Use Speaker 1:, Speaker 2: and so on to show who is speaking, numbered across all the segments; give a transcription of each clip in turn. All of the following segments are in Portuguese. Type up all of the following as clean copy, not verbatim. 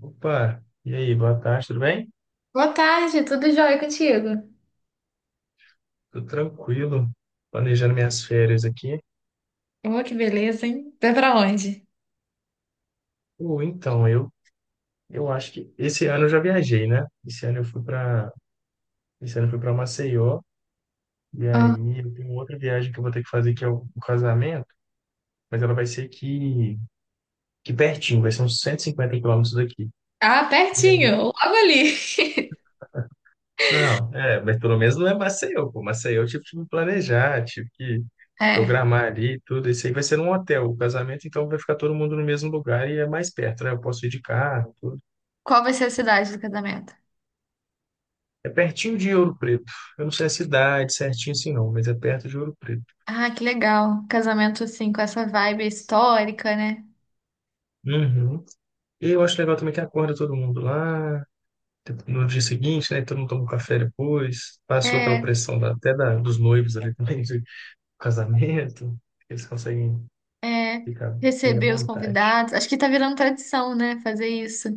Speaker 1: Opa, e aí, boa tarde, tudo bem?
Speaker 2: Boa tarde, tudo jóia contigo?
Speaker 1: Tudo tranquilo, planejando minhas férias aqui.
Speaker 2: Oh, que beleza, hein? Vai pra onde?
Speaker 1: Ou então, eu acho que esse ano eu já viajei, né? Esse ano eu fui para Maceió e
Speaker 2: Ah,
Speaker 1: aí eu tenho outra viagem que eu vou ter que fazer, que é o casamento, mas ela vai ser aqui pertinho, vai ser uns 150 quilômetros daqui.
Speaker 2: ah, pertinho, logo ali.
Speaker 1: Não, é, mas pelo menos não é Maceió, pô. Maceió eu tive que me planejar, tive que
Speaker 2: É.
Speaker 1: programar ali e tudo. Isso aí vai ser num hotel. O casamento, então, vai ficar todo mundo no mesmo lugar e é mais perto, né? Eu posso ir de carro, tudo.
Speaker 2: Qual vai ser a cidade do casamento?
Speaker 1: É pertinho de Ouro Preto. Eu não sei a cidade certinho assim, não, mas é perto de Ouro Preto.
Speaker 2: Ah, que legal. Casamento, assim, com essa vibe histórica, né?
Speaker 1: Uhum. E eu acho legal também que acorda todo mundo lá no dia seguinte, né? Todo mundo toma um café depois. Passou aquela
Speaker 2: É,
Speaker 1: pressão até dos noivos ali também, do casamento. Eles conseguem
Speaker 2: é.
Speaker 1: ficar bem à
Speaker 2: Receber os
Speaker 1: vontade.
Speaker 2: convidados. Acho que tá virando tradição, né? Fazer isso.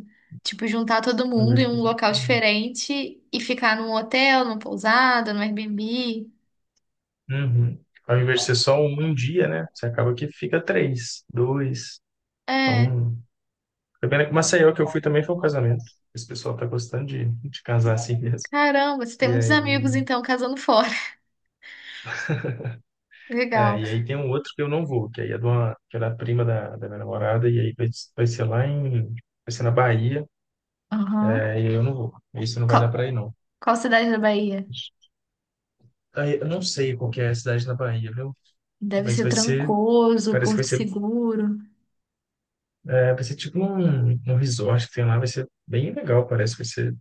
Speaker 2: Tipo, juntar todo
Speaker 1: Ao
Speaker 2: mundo
Speaker 1: invés
Speaker 2: em
Speaker 1: de
Speaker 2: um
Speaker 1: fazer-
Speaker 2: local
Speaker 1: Uhum.
Speaker 2: diferente e ficar num hotel, numa pousada, num Airbnb.
Speaker 1: Uhum. Ao invés de ser só um dia, né? Você acaba que fica três, dois,
Speaker 2: É.
Speaker 1: um. Tá vendo que o Maceió que eu fui também foi um casamento. Esse pessoal tá gostando de casar assim mesmo.
Speaker 2: Caramba, você tem
Speaker 1: E
Speaker 2: muitos
Speaker 1: aí,
Speaker 2: amigos, então, casando fora.
Speaker 1: é,
Speaker 2: Legal.
Speaker 1: e aí tem um outro que eu não vou, que aí é de uma, que é da prima da minha namorada, e aí vai ser lá em, vai ser na Bahia,
Speaker 2: Aham.
Speaker 1: é, e aí eu não vou. Isso não vai
Speaker 2: Qual,
Speaker 1: dar pra ir, não.
Speaker 2: qual cidade da Bahia?
Speaker 1: Aí, eu não sei qual que é a cidade na Bahia, viu?
Speaker 2: Deve
Speaker 1: Mas
Speaker 2: ser
Speaker 1: vai ser,
Speaker 2: Trancoso,
Speaker 1: parece que vai
Speaker 2: Porto
Speaker 1: ser,
Speaker 2: Seguro.
Speaker 1: é, vai ser tipo um resort que tem lá, vai ser bem legal, parece que vai ser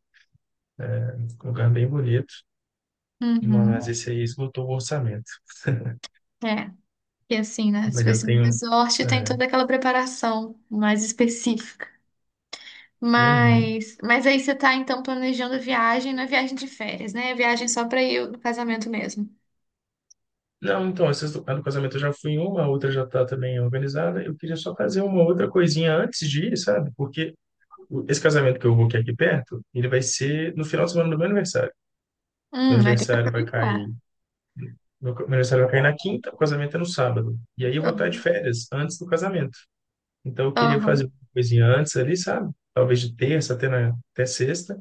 Speaker 1: um lugar bem bonito, mas
Speaker 2: Uhum.
Speaker 1: esse aí esgotou o orçamento.
Speaker 2: É. E assim, né? Se
Speaker 1: Mas eu
Speaker 2: fosse um
Speaker 1: tenho.
Speaker 2: resort, tem
Speaker 1: É,
Speaker 2: toda aquela preparação mais específica.
Speaker 1: uhum.
Speaker 2: Mas aí você tá, então, planejando a viagem, não é viagem de férias, né? É viagem só pra ir no casamento mesmo.
Speaker 1: Não, então, essas do, a do casamento eu já fui em uma, a outra já está também organizada. Eu queria só fazer uma outra coisinha antes de ir, sabe? Porque esse casamento que eu vou, que é aqui perto, ele vai ser no final de semana do meu aniversário. Meu
Speaker 2: Vai ter que
Speaker 1: aniversário vai cair.
Speaker 2: aproveitar.
Speaker 1: Meu aniversário vai cair na quinta, o casamento é no sábado. E aí eu vou estar de
Speaker 2: Aham.
Speaker 1: férias antes do casamento. Então eu queria fazer
Speaker 2: Aham.
Speaker 1: uma coisinha antes ali, sabe? Talvez de terça até sexta.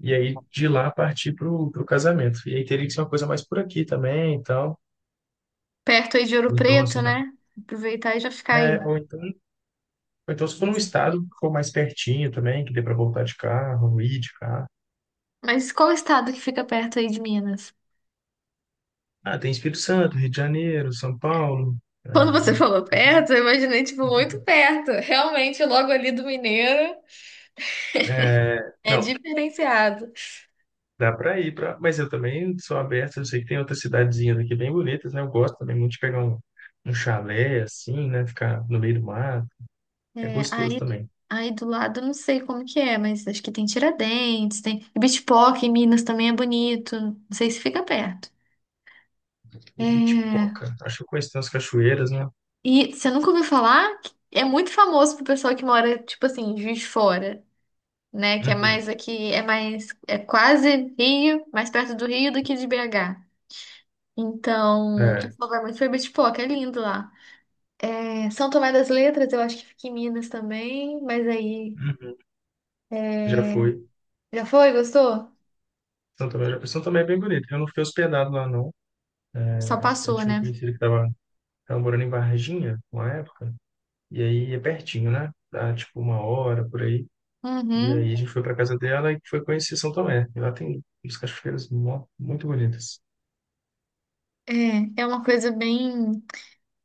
Speaker 1: E aí de lá partir para o casamento. E aí teria que ser uma coisa mais por aqui também, então
Speaker 2: Perto aí de Ouro
Speaker 1: ou então na
Speaker 2: Preto,
Speaker 1: cidade.
Speaker 2: né? Aproveitar e já ficar aí.
Speaker 1: É, ou então se for num estado que for mais pertinho também, que dê para voltar de carro, ir de carro.
Speaker 2: Mas qual estado que fica perto aí de Minas?
Speaker 1: Ah, tem Espírito Santo, Rio de Janeiro, São Paulo.
Speaker 2: Quando você
Speaker 1: É,
Speaker 2: falou
Speaker 1: essas-
Speaker 2: perto, eu imaginei, tipo, muito perto. Realmente, logo ali do Mineiro
Speaker 1: é,
Speaker 2: é
Speaker 1: não,
Speaker 2: diferenciado.
Speaker 1: dá para ir para. Mas eu também sou aberto, eu sei que tem outras cidadezinhas aqui bem bonitas, né? Eu gosto também muito de pegar um chalé assim, né? Ficar no meio do mar. É
Speaker 2: É,
Speaker 1: gostoso
Speaker 2: aí,
Speaker 1: também.
Speaker 2: aí do lado, eu não sei como que é, mas acho que tem Tiradentes, tem e Bitpock em Minas também é bonito. Não sei se fica perto.
Speaker 1: E
Speaker 2: É,
Speaker 1: Pitipoca. Acho que eu conheço, tem umas cachoeiras, né?
Speaker 2: e você nunca ouviu falar? É muito famoso pro pessoal que mora, tipo assim, em Juiz de Fora, né? Que é
Speaker 1: Uhum.
Speaker 2: mais aqui, é quase Rio, mais perto do Rio do que de BH. Então, o
Speaker 1: É.
Speaker 2: pessoal vai muito pra Bitpock, é lindo lá. É, São Tomé das Letras, eu acho que fica em Minas também, mas aí.
Speaker 1: Uhum. Já fui.
Speaker 2: Já foi? Gostou?
Speaker 1: São Tomé, já. São Tomé é bem bonito. Eu não fiquei hospedado lá, não.
Speaker 2: Só
Speaker 1: Eu
Speaker 2: passou,
Speaker 1: tinha um
Speaker 2: né?
Speaker 1: conhecido que tava morando em Varginha, uma época. E aí é pertinho, né? Dá tipo uma hora por aí. E
Speaker 2: Uhum.
Speaker 1: aí a gente foi pra casa dela e foi conhecer São Tomé. E lá tem umas cachoeiras muito bonitas.
Speaker 2: É, é uma coisa bem.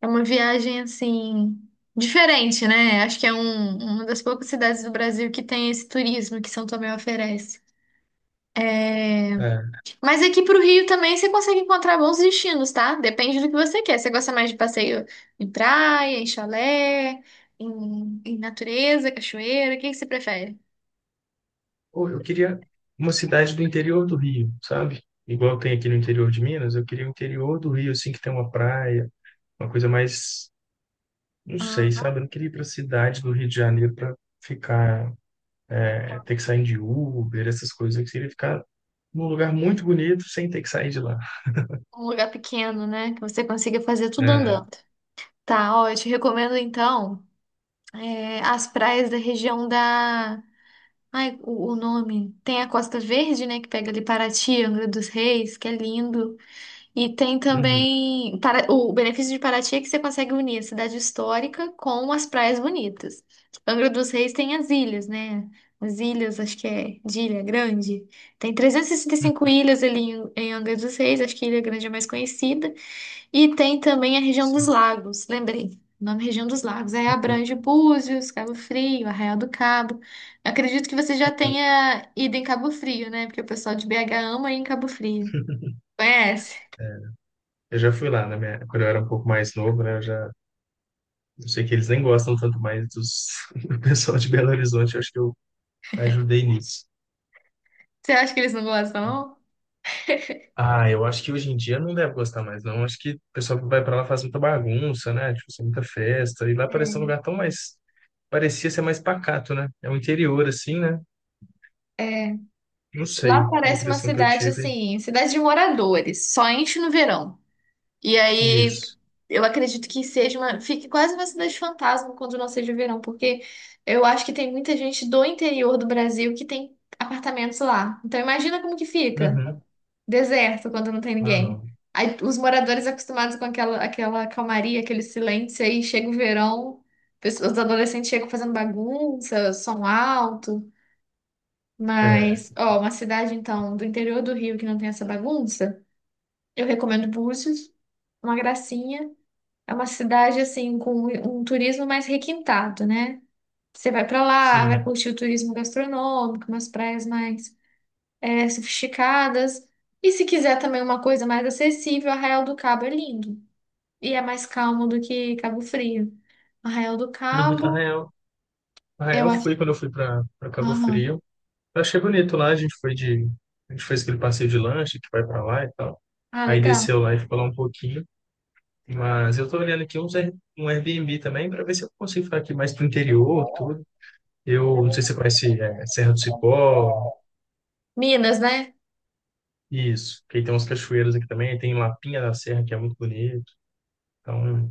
Speaker 2: É uma viagem assim. Diferente, né? Acho que é uma das poucas cidades do Brasil que tem esse turismo que São Tomé oferece.
Speaker 1: É.
Speaker 2: Mas aqui pro Rio também você consegue encontrar bons destinos, tá? Depende do que você quer. Você gosta mais de passeio em praia, em chalé, em natureza, cachoeira? O que que você prefere?
Speaker 1: Pô, eu queria uma cidade do interior do Rio, sabe? Igual tem aqui no interior de Minas, eu queria o interior do Rio, assim, que tem uma praia, uma coisa mais. Não sei, sabe?
Speaker 2: Aham.
Speaker 1: Eu não queria ir para cidade do Rio de Janeiro para ficar, ter que sair de Uber, essas coisas. Eu queria ficar num lugar muito bonito sem ter que sair de lá.
Speaker 2: Um lugar pequeno, né? Que você consiga fazer tudo
Speaker 1: É,
Speaker 2: andando. Tá, ó, eu te recomendo então é, as praias da região da. Ai, o nome. Tem a Costa Verde, né? Que pega ali Paraty, Angra dos Reis, que é lindo. E tem
Speaker 1: uhum,
Speaker 2: também. Para... O benefício de Paraty é que você consegue unir a cidade histórica com as praias bonitas. Angra dos Reis tem as ilhas, né? As ilhas, acho que é de Ilha Grande. Tem e 65
Speaker 1: uhum,
Speaker 2: ilhas ali em Angra dos Reis, acho que Ilha Grande é mais conhecida. E tem também a região
Speaker 1: nossa,
Speaker 2: dos lagos, lembrei. O nome é região dos lagos. Aí
Speaker 1: uhum,
Speaker 2: abrange Búzios, Cabo Frio, Arraial do Cabo. Acredito que você já
Speaker 1: uhum.
Speaker 2: tenha ido em Cabo Frio, né? Porque o pessoal de BH ama ir em Cabo Frio. Conhece?
Speaker 1: Eu já fui lá na minha, quando eu era um pouco mais novo, né? Eu sei que eles nem gostam tanto mais dos, do pessoal de Belo Horizonte. Eu acho que eu ajudei nisso.
Speaker 2: Você acha que eles não gostam, não?
Speaker 1: Ah, eu acho que hoje em dia não deve gostar mais, não. Acho que o pessoal que vai para lá faz muita bagunça, né? Tipo, assim, muita festa. E lá parece um lugar tão mais, parecia ser mais pacato, né? É o interior, assim, né?
Speaker 2: É.
Speaker 1: Não
Speaker 2: Lá
Speaker 1: sei, a
Speaker 2: parece uma
Speaker 1: impressão que eu
Speaker 2: cidade
Speaker 1: tive.
Speaker 2: assim, cidade de moradores, só enche no verão. E aí,
Speaker 1: Isso.
Speaker 2: eu acredito que seja uma. Fique quase uma cidade fantasma quando não seja verão, porque eu acho que tem muita gente do interior do Brasil que tem apartamentos lá. Então, imagina como que fica.
Speaker 1: Uhum.
Speaker 2: Deserto quando não tem
Speaker 1: Ah,
Speaker 2: ninguém.
Speaker 1: não.
Speaker 2: Aí, os moradores acostumados com aquela calmaria, aquele silêncio, aí chega o verão, pessoas- os adolescentes chegam fazendo bagunça, som alto.
Speaker 1: É,
Speaker 2: Mas, ó, uma cidade, então, do interior do Rio que não tem essa bagunça, eu recomendo Búzios, uma gracinha. É uma cidade assim com um turismo mais requintado, né? Você vai para lá, vai
Speaker 1: sim.
Speaker 2: curtir o turismo gastronômico, umas praias mais é, sofisticadas. E se quiser também uma coisa mais acessível, Arraial do Cabo é lindo. E é mais calmo do que Cabo Frio. Arraial do
Speaker 1: Uhum.
Speaker 2: Cabo,
Speaker 1: Arraial.
Speaker 2: eu
Speaker 1: Arraial
Speaker 2: acho.
Speaker 1: foi quando eu fui para Cabo
Speaker 2: Aham.
Speaker 1: Frio. Eu achei bonito lá, a gente foi de. A gente fez aquele passeio de lanche que vai para lá e tal.
Speaker 2: Ah,
Speaker 1: Aí
Speaker 2: legal.
Speaker 1: desceu lá e ficou lá um pouquinho. Mas eu tô olhando aqui um Airbnb também para ver se eu consigo ficar aqui mais pro interior, tudo. Eu não sei se você conhece, Serra do Cipó.
Speaker 2: Minas, né?
Speaker 1: Isso, porque aí tem umas cachoeiras aqui também, tem Lapinha da Serra, que é muito bonito. Então,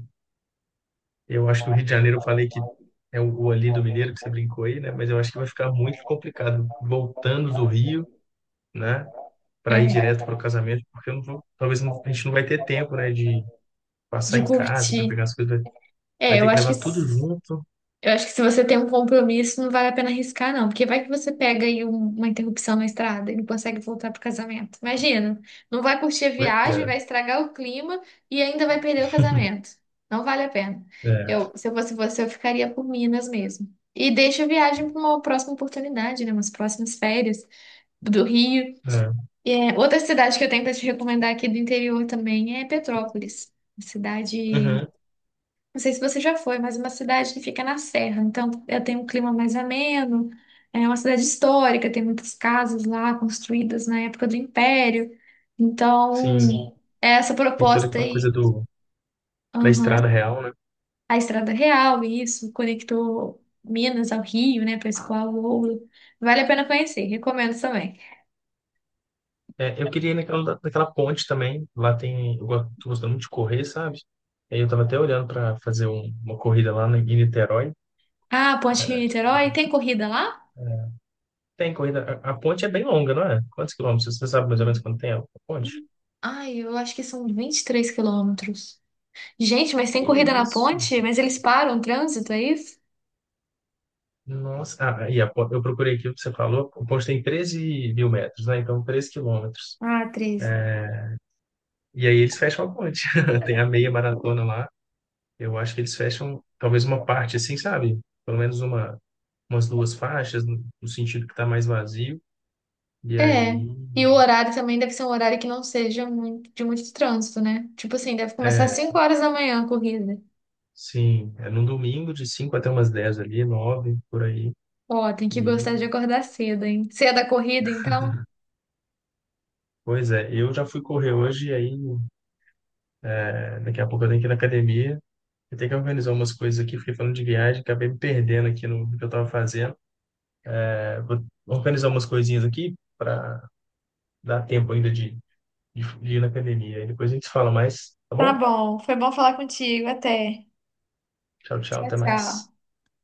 Speaker 1: eu acho que o Rio de Janeiro, eu falei que é o ali do Mineiro, que você brincou aí, né? Mas eu acho que vai ficar muito complicado voltando do Rio, né? Para ir
Speaker 2: É.
Speaker 1: direto para o casamento, porque eu não vou, talvez não- a gente não vai ter tempo, né? De passar
Speaker 2: De
Speaker 1: em casa para
Speaker 2: curtir.
Speaker 1: pegar as coisas, vai
Speaker 2: É,
Speaker 1: ter
Speaker 2: eu
Speaker 1: que
Speaker 2: acho que
Speaker 1: levar tudo junto.
Speaker 2: Eu acho que se você tem um compromisso, não vale a pena arriscar, não, porque vai que você pega aí um- uma interrupção na estrada e não consegue voltar pro casamento. Imagina, não vai curtir a
Speaker 1: Pois
Speaker 2: viagem,
Speaker 1: é.
Speaker 2: vai estragar o clima e ainda vai perder o casamento. Não vale a pena.
Speaker 1: É,
Speaker 2: Eu, se eu fosse você, eu ficaria por Minas mesmo. E deixa a viagem para uma próxima oportunidade, né? Umas próximas férias do Rio.
Speaker 1: é.
Speaker 2: E, é, outra cidade que eu tenho para te recomendar aqui do interior também é Petrópolis. Uma cidade
Speaker 1: Uhum,
Speaker 2: não sei se você já foi, mas é uma cidade que fica na serra. Então, ela tem um clima mais ameno. É uma cidade histórica, tem muitas casas lá construídas na época do Império. Então,
Speaker 1: sim,
Speaker 2: sim. É essa
Speaker 1: tem toda
Speaker 2: proposta
Speaker 1: aquela coisa
Speaker 2: aí.
Speaker 1: da
Speaker 2: Aham.
Speaker 1: estrada real, né?
Speaker 2: A Estrada Real, isso, conectou Minas ao Rio, né, Pescoal ao Ouro. Vale a pena conhecer, recomendo também.
Speaker 1: É, eu queria ir naquela ponte também. Lá tem. Eu gosto, tô gostando muito de correr, sabe? Aí eu tava até olhando para fazer uma corrida lá em Niterói.
Speaker 2: Ah, Ponte
Speaker 1: É,
Speaker 2: Rio-Niterói, tem corrida lá?
Speaker 1: tem corrida. A ponte é bem longa, não é? Quantos quilômetros? Você sabe mais ou menos quanto tem a ponte?
Speaker 2: Ai, eu acho que são 23 quilômetros. Gente, mas tem
Speaker 1: Que
Speaker 2: corrida na
Speaker 1: isso?
Speaker 2: ponte? Mas eles param o trânsito, é isso?
Speaker 1: Nossa. Ah, aí eu procurei aqui o que você falou. A ponte tem 13.000 metros, né? Então, 13 quilômetros.
Speaker 2: Ah, 13.
Speaker 1: E aí eles fecham a ponte. Tem a meia maratona lá. Eu acho que eles fecham talvez uma parte assim, sabe? Pelo menos umas duas faixas, no sentido que está mais vazio. E
Speaker 2: É.
Speaker 1: aí,
Speaker 2: E o horário também deve ser um horário que não seja muito, de muito trânsito, né? Tipo assim, deve começar às
Speaker 1: é,
Speaker 2: 5 horas da manhã a corrida.
Speaker 1: sim, é no domingo de 5 até umas 10 ali, 9 por aí.
Speaker 2: Ó, tem que
Speaker 1: E,
Speaker 2: gostar de acordar cedo, hein? Cedo a corrida, então.
Speaker 1: pois é, eu já fui correr hoje e aí, daqui a pouco eu tenho que ir na academia. Eu tenho que organizar umas coisas aqui, fiquei falando de viagem, acabei me perdendo aqui no que eu estava fazendo. É, vou organizar umas coisinhas aqui para dar tempo ainda de, de ir na academia. Aí depois a gente se fala mais, tá
Speaker 2: Tá
Speaker 1: bom?
Speaker 2: bom, foi bom falar contigo. Até.
Speaker 1: Tchau, tchau,
Speaker 2: Tchau,
Speaker 1: até mais.
Speaker 2: tchau.